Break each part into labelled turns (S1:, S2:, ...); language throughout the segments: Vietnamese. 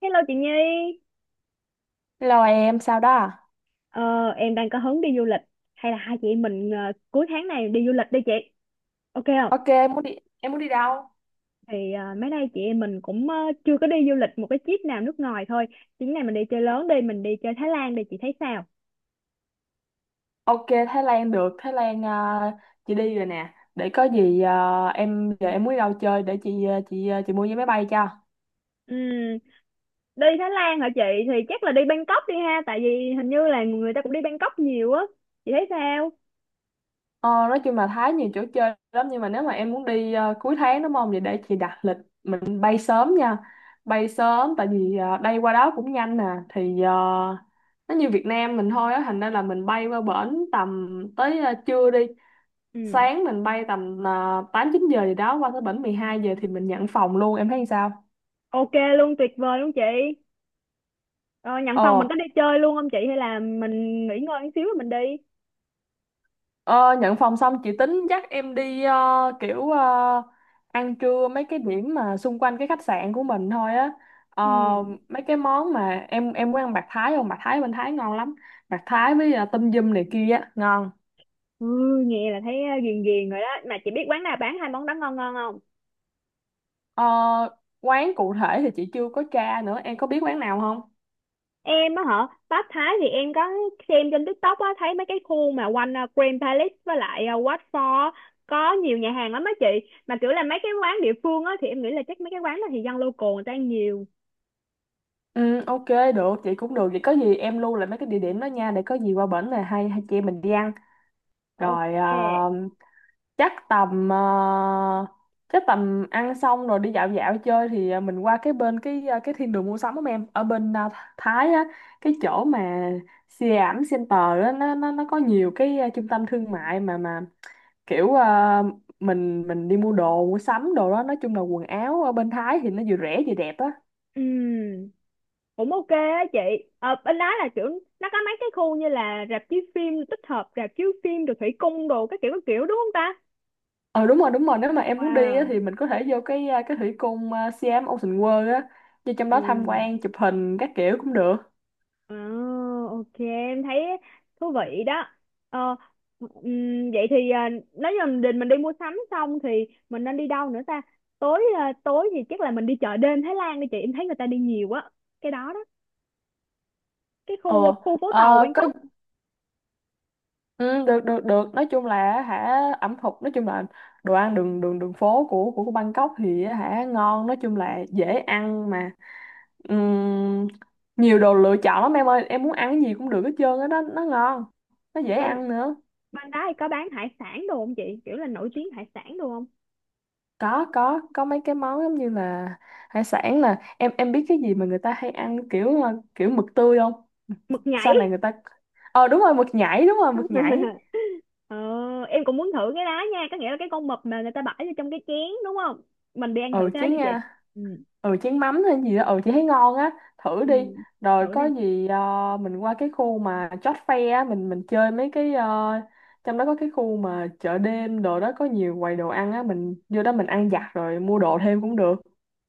S1: Hello chị Nhi,
S2: Hello em, sao đó à?
S1: ờ, em đang có hứng đi du lịch hay là hai chị em mình cuối tháng này đi du lịch đi chị, ok không?
S2: Ok, em muốn đi đâu?
S1: Thì mấy nay chị em mình cũng chưa có đi du lịch một cái trip nào nước ngoài thôi, chuyến này mình đi chơi lớn đi, mình đi chơi Thái Lan đi chị thấy sao?
S2: Ok, Thái Lan được, Thái Lan, chị đi rồi nè. Để có gì, em giờ em muốn đi đâu chơi để chị mua vé máy bay cho.
S1: Ừm, đi Thái Lan hả chị? Thì chắc là đi Bangkok đi ha, tại vì hình như là người ta cũng đi Bangkok nhiều á, chị thấy sao?
S2: Ờ, nói chung là Thái nhiều chỗ chơi lắm, nhưng mà nếu mà em muốn đi, cuối tháng, đúng không? Vậy để chị đặt lịch mình bay sớm nha. Bay sớm tại vì, đây qua đó cũng nhanh nè. Thì, nó như Việt Nam mình thôi á, thành ra là mình bay qua bển tầm tới, trưa đi.
S1: Ừm,
S2: Sáng mình bay tầm, 8 9 giờ gì đó, qua tới bển 12 giờ thì mình nhận phòng luôn, em thấy sao?
S1: ok luôn, tuyệt vời luôn chị. Ờ, nhận phòng
S2: Ờ,
S1: mình có đi chơi luôn không chị hay là mình nghỉ ngơi một xíu rồi mình đi?
S2: ờ nhận phòng xong chị tính dắt em đi, kiểu, ăn trưa mấy cái điểm mà xung quanh cái khách sạn của mình thôi á. Ờ,
S1: Ừ.
S2: mấy cái món mà em muốn ăn bạc Thái không? Bạc Thái bên Thái ngon lắm. Bạc Thái với, tâm dum này kia á, ngon.
S1: Ừ, nghe là thấy ghiền ghiền rồi đó mà chị biết quán nào bán hai món đó ngon ngon không?
S2: Ờ, quán cụ thể thì chị chưa có tra nữa, em có biết quán nào không?
S1: Em á hả? Pháp Thái thì em có xem trên TikTok á, thấy mấy cái khu mà quanh Grand Palace với lại Wat Phó có nhiều nhà hàng lắm á chị, mà kiểu là mấy cái quán địa phương á thì em nghĩ là chắc mấy cái quán đó thì dân local người ta ăn nhiều.
S2: Ừ, ok, được, chị cũng được. Vậy có gì em lưu lại mấy cái địa điểm đó nha, để có gì qua bển này hai hai chị em mình đi ăn. Rồi,
S1: Ok.
S2: chắc tầm ờ, chắc tầm ăn xong rồi đi dạo dạo chơi thì, mình qua cái bên cái, cái thiên đường mua sắm của em ở bên, Thái á, cái chỗ mà Siam Center á. Nó có nhiều cái, trung tâm thương mại mà, kiểu, mình đi mua đồ mua sắm đồ đó. Nói chung là quần áo ở bên Thái thì nó vừa rẻ vừa đẹp á.
S1: Ừm, cũng ok á chị. Ờ, bên đó là kiểu nó có mấy cái khu như là rạp chiếu phim, tích hợp rạp chiếu phim rồi thủy cung đồ các kiểu đúng không ta?
S2: Ờ Đúng rồi, đúng rồi, nếu mà em muốn đi á,
S1: Wow.
S2: thì mình có thể vô cái thủy cung, Siam Ocean World á, vô trong
S1: Ừ.
S2: đó tham quan chụp hình các kiểu cũng được.
S1: À, ok, em thấy thú vị đó. Ờ, vậy thì à, nếu như mình định mình đi mua sắm xong thì mình nên đi đâu nữa ta? Tối à, tối thì chắc là mình đi chợ đêm Thái Lan đi chị, em thấy người ta đi nhiều quá cái đó đó, cái
S2: ờ
S1: khu khu phố tàu
S2: ờ, có.
S1: Bangkok.
S2: Ừ, được, được, được. Nói chung là, ẩm thực, nói chung là đồ ăn đường đường đường phố của Bangkok thì á, ngon, nói chung là dễ ăn mà. Ừm, nhiều đồ lựa chọn lắm em ơi, em muốn ăn cái gì cũng được hết trơn á, đó nó ngon, nó dễ
S1: bên
S2: ăn nữa.
S1: bên đó thì có bán hải sản đồ không chị, kiểu là nổi tiếng hải sản đồ không?
S2: Có mấy cái món giống như là hải sản. Là em biết cái gì mà người ta hay ăn kiểu, kiểu mực tươi không?
S1: Mực nhảy.
S2: Sau này người ta đúng rồi, mực nhảy, đúng rồi, mực nhảy.
S1: ờ, em cũng muốn thử cái đó nha, có nghĩa là cái con mực mà người ta bỏ vô trong cái chén đúng không? Mình đi ăn thử
S2: Ừ,
S1: cái đó
S2: chén,
S1: đi chị. Ừ,
S2: ừ, chén mắm hay gì đó, ừ, chị thấy ngon á, thử
S1: ừ.
S2: đi. Rồi
S1: Thử
S2: có
S1: đi.
S2: gì, mình qua cái khu mà chót Fair á, mình chơi mấy cái, trong đó có cái khu mà chợ đêm đồ đó, có nhiều quầy đồ ăn á, mình vô đó mình ăn vặt rồi mua đồ thêm cũng được.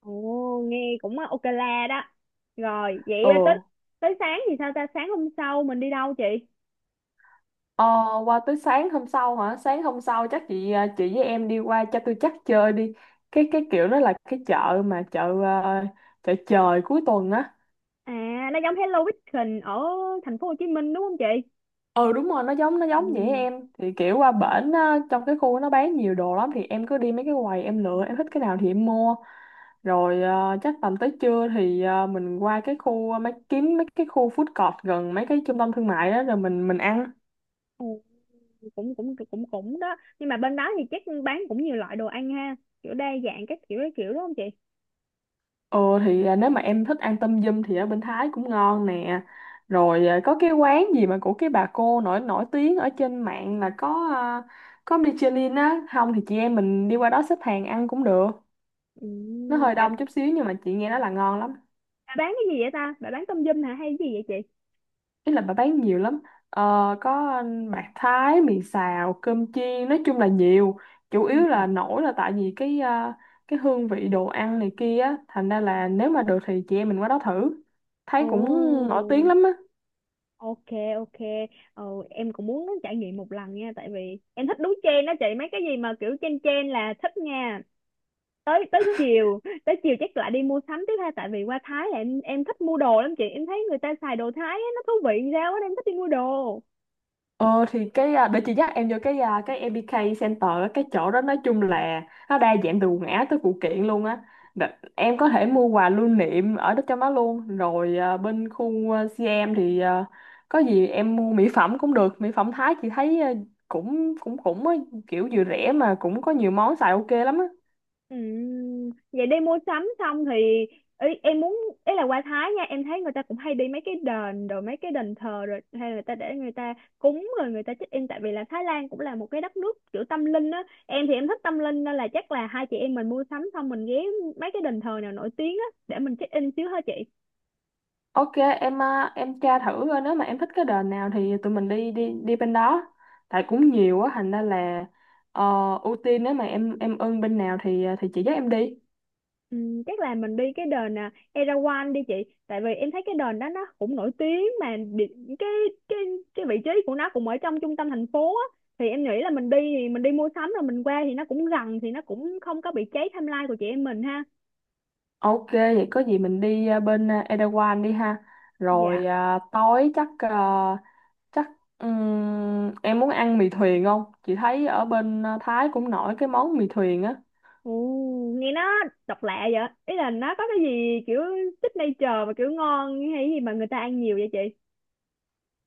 S1: Ồ, nghe cũng ok la đó. Rồi, vậy tới
S2: Ừ.
S1: tới sáng thì sao ta? Sáng hôm sau mình đi đâu chị?
S2: Ờ, qua tới sáng hôm sau hả? Sáng hôm sau chắc chị với em đi qua cho tôi chắc chơi đi. Cái kiểu nó là cái chợ mà, chợ trời cuối tuần á.
S1: À, nó giống Hello Weekend ở thành phố Hồ Chí Minh đúng không chị?
S2: Ừ, đúng rồi, nó giống vậy
S1: Ừ.
S2: em. Thì kiểu qua bển á, trong cái khu nó bán nhiều đồ lắm, thì em cứ đi mấy cái quầy em lựa, em thích cái nào thì em mua. Rồi, chắc tầm tới trưa thì, mình qua cái khu, ờ, mấy kiếm mấy cái khu food court gần mấy cái trung tâm thương mại đó rồi mình ăn.
S1: Ồ, cũng cũng cũng cũng đó. Nhưng mà bên đó thì chắc bán cũng nhiều loại đồ ăn ha, kiểu đa dạng các kiểu đúng không chị?
S2: Ồ thì, nếu mà em thích ăn tâm dâm thì ở bên Thái cũng ngon nè. Rồi, có cái quán gì mà của cái bà cô nổi nổi tiếng ở trên mạng, là có, Michelin á, không thì chị em mình đi qua đó xếp hàng ăn cũng được.
S1: Ừ,
S2: Nó hơi
S1: bà,
S2: đông chút xíu nhưng mà chị nghe nói là ngon lắm.
S1: bà bán cái gì vậy ta? Bà bán tôm yum hả hay cái gì vậy chị?
S2: Ý là bà bán nhiều lắm. Ờ, có bạc Thái, mì xào, cơm chiên, nói chung là nhiều. Chủ yếu
S1: Ừ.
S2: là nổi là tại vì cái hương vị đồ ăn này kia á, thành ra là nếu mà được thì chị em mình qua đó thử. Thấy
S1: Ồ.
S2: cũng nổi tiếng lắm á.
S1: Ok, ok, ờ, em cũng muốn trải nghiệm một lần nha, tại vì em thích đúng trend đó chị, mấy cái gì mà kiểu trend trend là thích nha. Tới tới chiều, tới chiều chắc lại đi mua sắm tiếp ha, tại vì qua Thái là em thích mua đồ lắm chị, em thấy người ta xài đồ Thái á, nó thú vị sao á nên em thích đi mua đồ.
S2: Để chị dắt em vô cái MBK Center á. Cái chỗ đó nói chung là nó đa dạng từ quần áo tới phụ kiện luôn á. Đ- em có thể mua quà lưu niệm ở đó, trong đó luôn. Rồi, bên khu, CM thì, có gì em mua mỹ phẩm cũng được. Mỹ phẩm Thái chị thấy, à, cũng cũng cũng á, kiểu vừa rẻ mà cũng có nhiều món xài ok lắm á.
S1: Vậy đi mua sắm xong thì ý, em muốn ý là qua Thái nha, em thấy người ta cũng hay đi mấy cái đền rồi mấy cái đền thờ rồi hay là người ta để người ta cúng rồi người ta check in, tại vì là Thái Lan cũng là một cái đất nước kiểu tâm linh á, em thì em thích tâm linh nên là chắc là hai chị em mình mua sắm xong mình ghé mấy cái đền thờ nào nổi tiếng á để mình check in xíu hả chị?
S2: Ok em, tra thử coi nếu mà em thích cái đền nào thì tụi mình đi đi đi bên đó. Tại cũng nhiều á, thành ra là, ờ, ưu tiên nếu mà em ưng bên nào thì, chị dắt em đi.
S1: Ừ, chắc là mình đi cái đền Erawan đi chị, tại vì em thấy cái đền đó nó cũng nổi tiếng mà cái cái cái vị trí của nó cũng ở trong trung tâm thành phố á, thì em nghĩ là mình đi thì mình đi mua sắm rồi mình qua thì nó cũng gần thì nó cũng không có bị cháy timeline của chị em mình ha.
S2: Ok, vậy có gì mình đi, Erawan đi ha.
S1: Dạ.
S2: Rồi, tối chắc à, chắc em muốn ăn mì thuyền không? Chị thấy ở bên, Thái cũng nổi cái món mì thuyền á.
S1: Ồ, nghe nó độc lạ vậy, ý là nó có cái gì kiểu signature mà kiểu ngon hay gì mà người ta ăn nhiều vậy chị?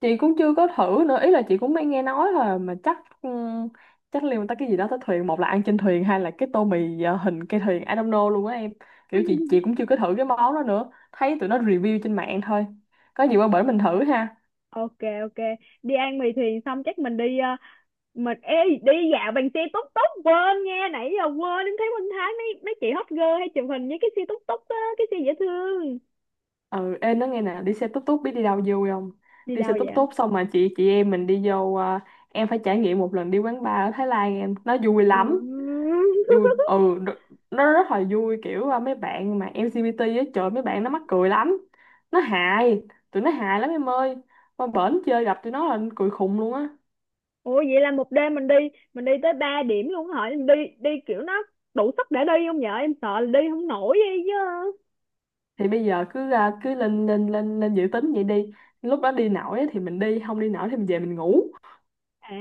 S2: Chị cũng chưa có thử nữa, ý là chị cũng mới nghe nói thôi, mà chắc ừm, chắc liên quan tới cái gì đó tới thuyền, một là ăn trên thuyền hay là cái tô mì, hình cây thuyền, I don't know luôn á em. Kiểu chị cũng chưa có thử cái món đó nữa, thấy tụi nó review trên mạng thôi. Có gì qua bển mình thử ha.
S1: Ok, ok, đi ăn mì thuyền xong chắc mình đi dạo bằng xe túc túc, quên nha, nãy giờ quên, em thấy Minh Thái mấy mấy chị hot girl hay chụp hình với cái xe túc túc á, cái xe dễ thương.
S2: Ừ, em nói nghe nè, đi xe tút tút biết đi đâu vui không?
S1: Đi
S2: Đi
S1: đâu
S2: xe tút
S1: vậy?
S2: tút xong mà chị em mình đi vô, em phải trải nghiệm một lần đi quán bar ở Thái Lan em, nó vui
S1: Ừ.
S2: lắm. Vui, ừ, nó rất là vui, kiểu, mấy bạn mà LGBT á, trời, mấy bạn nó mắc cười lắm, nó hài, tụi nó hài lắm em ơi, qua bển chơi gặp tụi nó là cười khùng luôn á.
S1: Ủa vậy là một đêm mình đi tới ba điểm luôn hả em, đi đi kiểu nó đủ sức để đi không vậy, em sợ là đi không nổi vậy chứ.
S2: Thì bây giờ cứ, à, cứ lên lên lên lên dự tính vậy đi, lúc đó đi nổi á thì mình đi, không đi nổi thì mình về mình ngủ.
S1: À,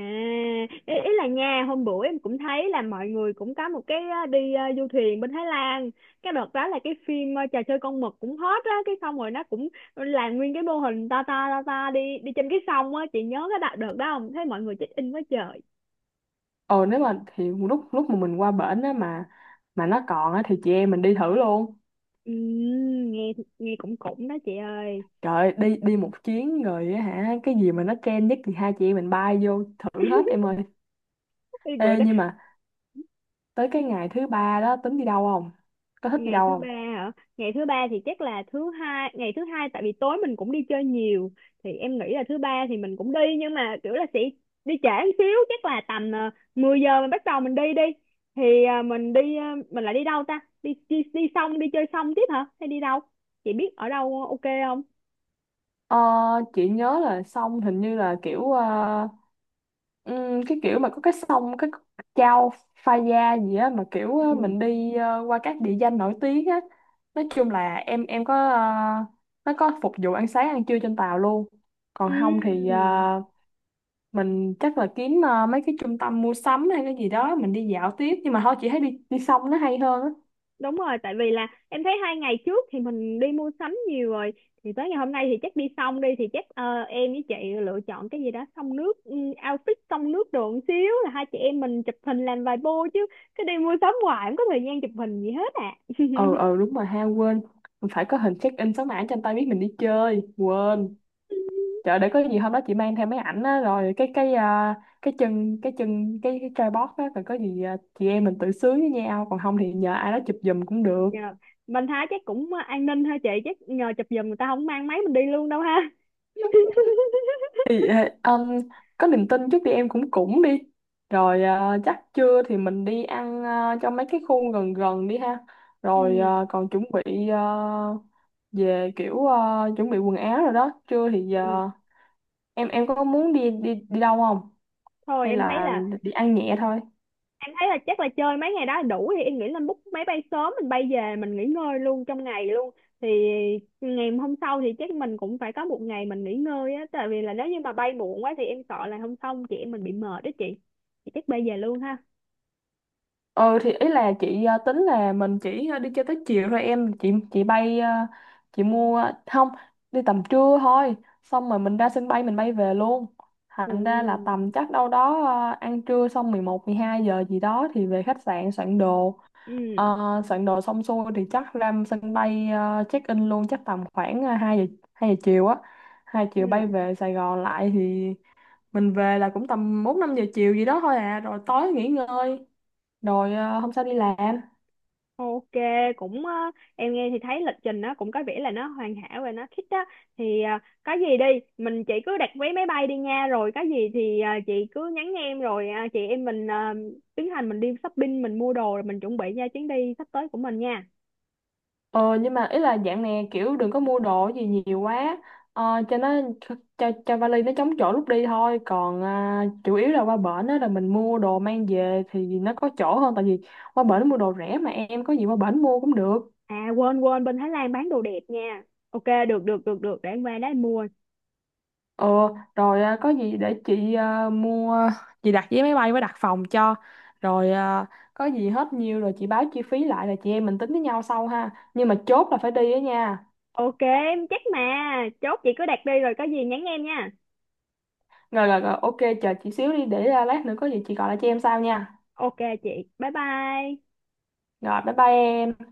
S1: ý, ý là nha, hôm bữa em cũng thấy là mọi người cũng có một cái đi du thuyền bên Thái Lan. Cái đợt đó là cái phim trò chơi con mực cũng hot á, cái xong rồi nó cũng làm nguyên cái mô hình to đi đi trên cái sông á, chị nhớ cái đợt đợt đó không? Thấy mọi người check in quá trời.
S2: Ờ Nếu mà thì lúc lúc mà mình qua bển á, mà nó còn á thì chị em mình đi thử luôn.
S1: Nghe nghe cũng cũng đó chị ơi.
S2: Trời ơi, đi đi một chuyến rồi á hả, cái gì mà nó trend nhất thì hai chị em mình bay vô thử hết em ơi.
S1: Cái bữa
S2: Ê,
S1: đó.
S2: nhưng mà tới cái ngày thứ ba đó tính đi đâu không, có thích đi
S1: Ngày
S2: đâu
S1: thứ
S2: không?
S1: ba hả? Ngày thứ ba thì chắc là thứ hai, ngày thứ hai tại vì tối mình cũng đi chơi nhiều, thì em nghĩ là thứ ba thì mình cũng đi nhưng mà kiểu là sẽ đi trễ một xíu, chắc là tầm 10 giờ mình bắt đầu mình đi đi thì mình đi mình lại đi đâu ta, đi đi đi xong đi chơi xong tiếp hả hay đi đâu chị biết ở đâu ok không?
S2: ờ, chị nhớ là xong hình như là kiểu, cái kiểu mà có cái sông, cái Chao Phraya gì á, mà kiểu,
S1: Ừ.
S2: mình đi, qua các địa danh nổi tiếng á. Nói chung là em có, nó có phục vụ ăn sáng ăn trưa trên tàu luôn, còn không thì,
S1: Ừm.
S2: mình chắc là kiếm, mấy cái trung tâm mua sắm hay cái gì đó mình đi dạo tiếp, nhưng mà thôi chị thấy đi đi sông nó hay hơn á.
S1: Đúng rồi, tại vì là em thấy hai ngày trước thì mình đi mua sắm nhiều rồi, thì tới ngày hôm nay thì chắc đi xong đi thì chắc em với chị lựa chọn cái gì đó xông nước, ừ, outfit xông nước đồ một xíu là hai chị em mình chụp hình làm vài bô chứ cứ đi mua sắm hoài không có thời gian chụp hình gì hết à.
S2: Ừ, ừ, đúng rồi ha, quên. Mình phải có hình check in số mã cho anh ta biết mình đi chơi, quên. Trời, để có gì hôm đó chị mang theo mấy ảnh á, rồi cái chân cái chân cái tripod á, rồi có gì, chị em mình tự sướng với nhau, còn không thì nhờ ai đó chụp giùm cũng được.
S1: Nhờ. Mình thấy chắc cũng an ninh ha chị, chắc nhờ chụp giùm, người ta không mang máy mình đi luôn đâu ha.
S2: Thì, ờ, um, có niềm tin trước đi em, cũng cũng đi. Rồi, chắc trưa thì mình đi ăn, trong mấy cái khu gần gần đi ha. Rồi,
S1: Ừ.
S2: ờ, còn chuẩn bị ờ, về kiểu ờ, chuẩn bị quần áo rồi đó, trưa thì
S1: Ừ.
S2: giờ em có muốn đi đi đi đâu không,
S1: Thôi
S2: hay
S1: em thấy
S2: là
S1: là
S2: đi ăn nhẹ thôi?
S1: em thấy là chắc là chơi mấy ngày đó đủ, thì em nghĩ là book máy bay sớm mình bay về mình nghỉ ngơi luôn trong ngày luôn, thì ngày hôm sau thì chắc mình cũng phải có một ngày mình nghỉ ngơi á, tại vì là nếu như mà bay muộn quá thì em sợ là hôm sau chị em mình bị mệt đó chị, thì chắc bay về luôn ha.
S2: Ừ, thì ý là chị, tính là mình chỉ, đi chơi tới chiều thôi em. Chị bay, không, đi tầm trưa thôi, xong rồi mình ra sân bay mình bay về luôn,
S1: Ừ.
S2: thành ra là tầm chắc đâu đó, ăn trưa xong 11 12 giờ gì đó thì về khách sạn soạn đồ.
S1: Ừ.
S2: Ờ, soạn đồ xong xuôi thì chắc ra sân bay, check in luôn chắc tầm khoảng, 2 giờ chiều á, 2 chiều bay
S1: Ừ.
S2: về Sài Gòn lại, thì mình về là cũng tầm 4 5 giờ chiều gì đó thôi à, rồi tối nghỉ ngơi rồi, hôm sau đi làm.
S1: Ok, cũng em nghe thì thấy lịch trình nó cũng có vẻ là nó hoàn hảo và nó thích á, thì có gì đi chị cứ đặt vé máy bay đi nha, rồi có gì thì chị cứ nhắn em rồi chị em mình tiến hành mình đi shopping mình mua đồ rồi mình chuẩn bị nha chuyến đi sắp tới của mình nha.
S2: Ờ nhưng mà ý là dạng này kiểu đừng có mua đồ gì nhiều quá, cho nó, cho vali nó chống chỗ lúc đi thôi, còn, chủ yếu là qua bển á là mình mua đồ mang về thì nó có chỗ hơn, tại vì qua bển mua đồ rẻ mà em, có gì qua bển mua cũng được.
S1: À, quên quên bên Thái Lan bán đồ đẹp nha. Ok, được được được được để em qua đó em mua.
S2: Ờ, rồi, có gì để chị, à, mua chị đặt vé máy bay với đặt phòng cho. Rồi, có gì hết nhiêu rồi chị báo chi phí lại, là chị em mình tính với nhau sau ha, nhưng mà chốt là phải đi á nha.
S1: Ok em chắc mà, chốt chị cứ đặt đi rồi có gì nhắn em nha.
S2: Rồi, rồi, rồi, ok. Chờ chị xíu đi, để, lát nữa có gì chị gọi lại cho em sau nha.
S1: Ok chị, bye bye.
S2: Rồi, bye bye em.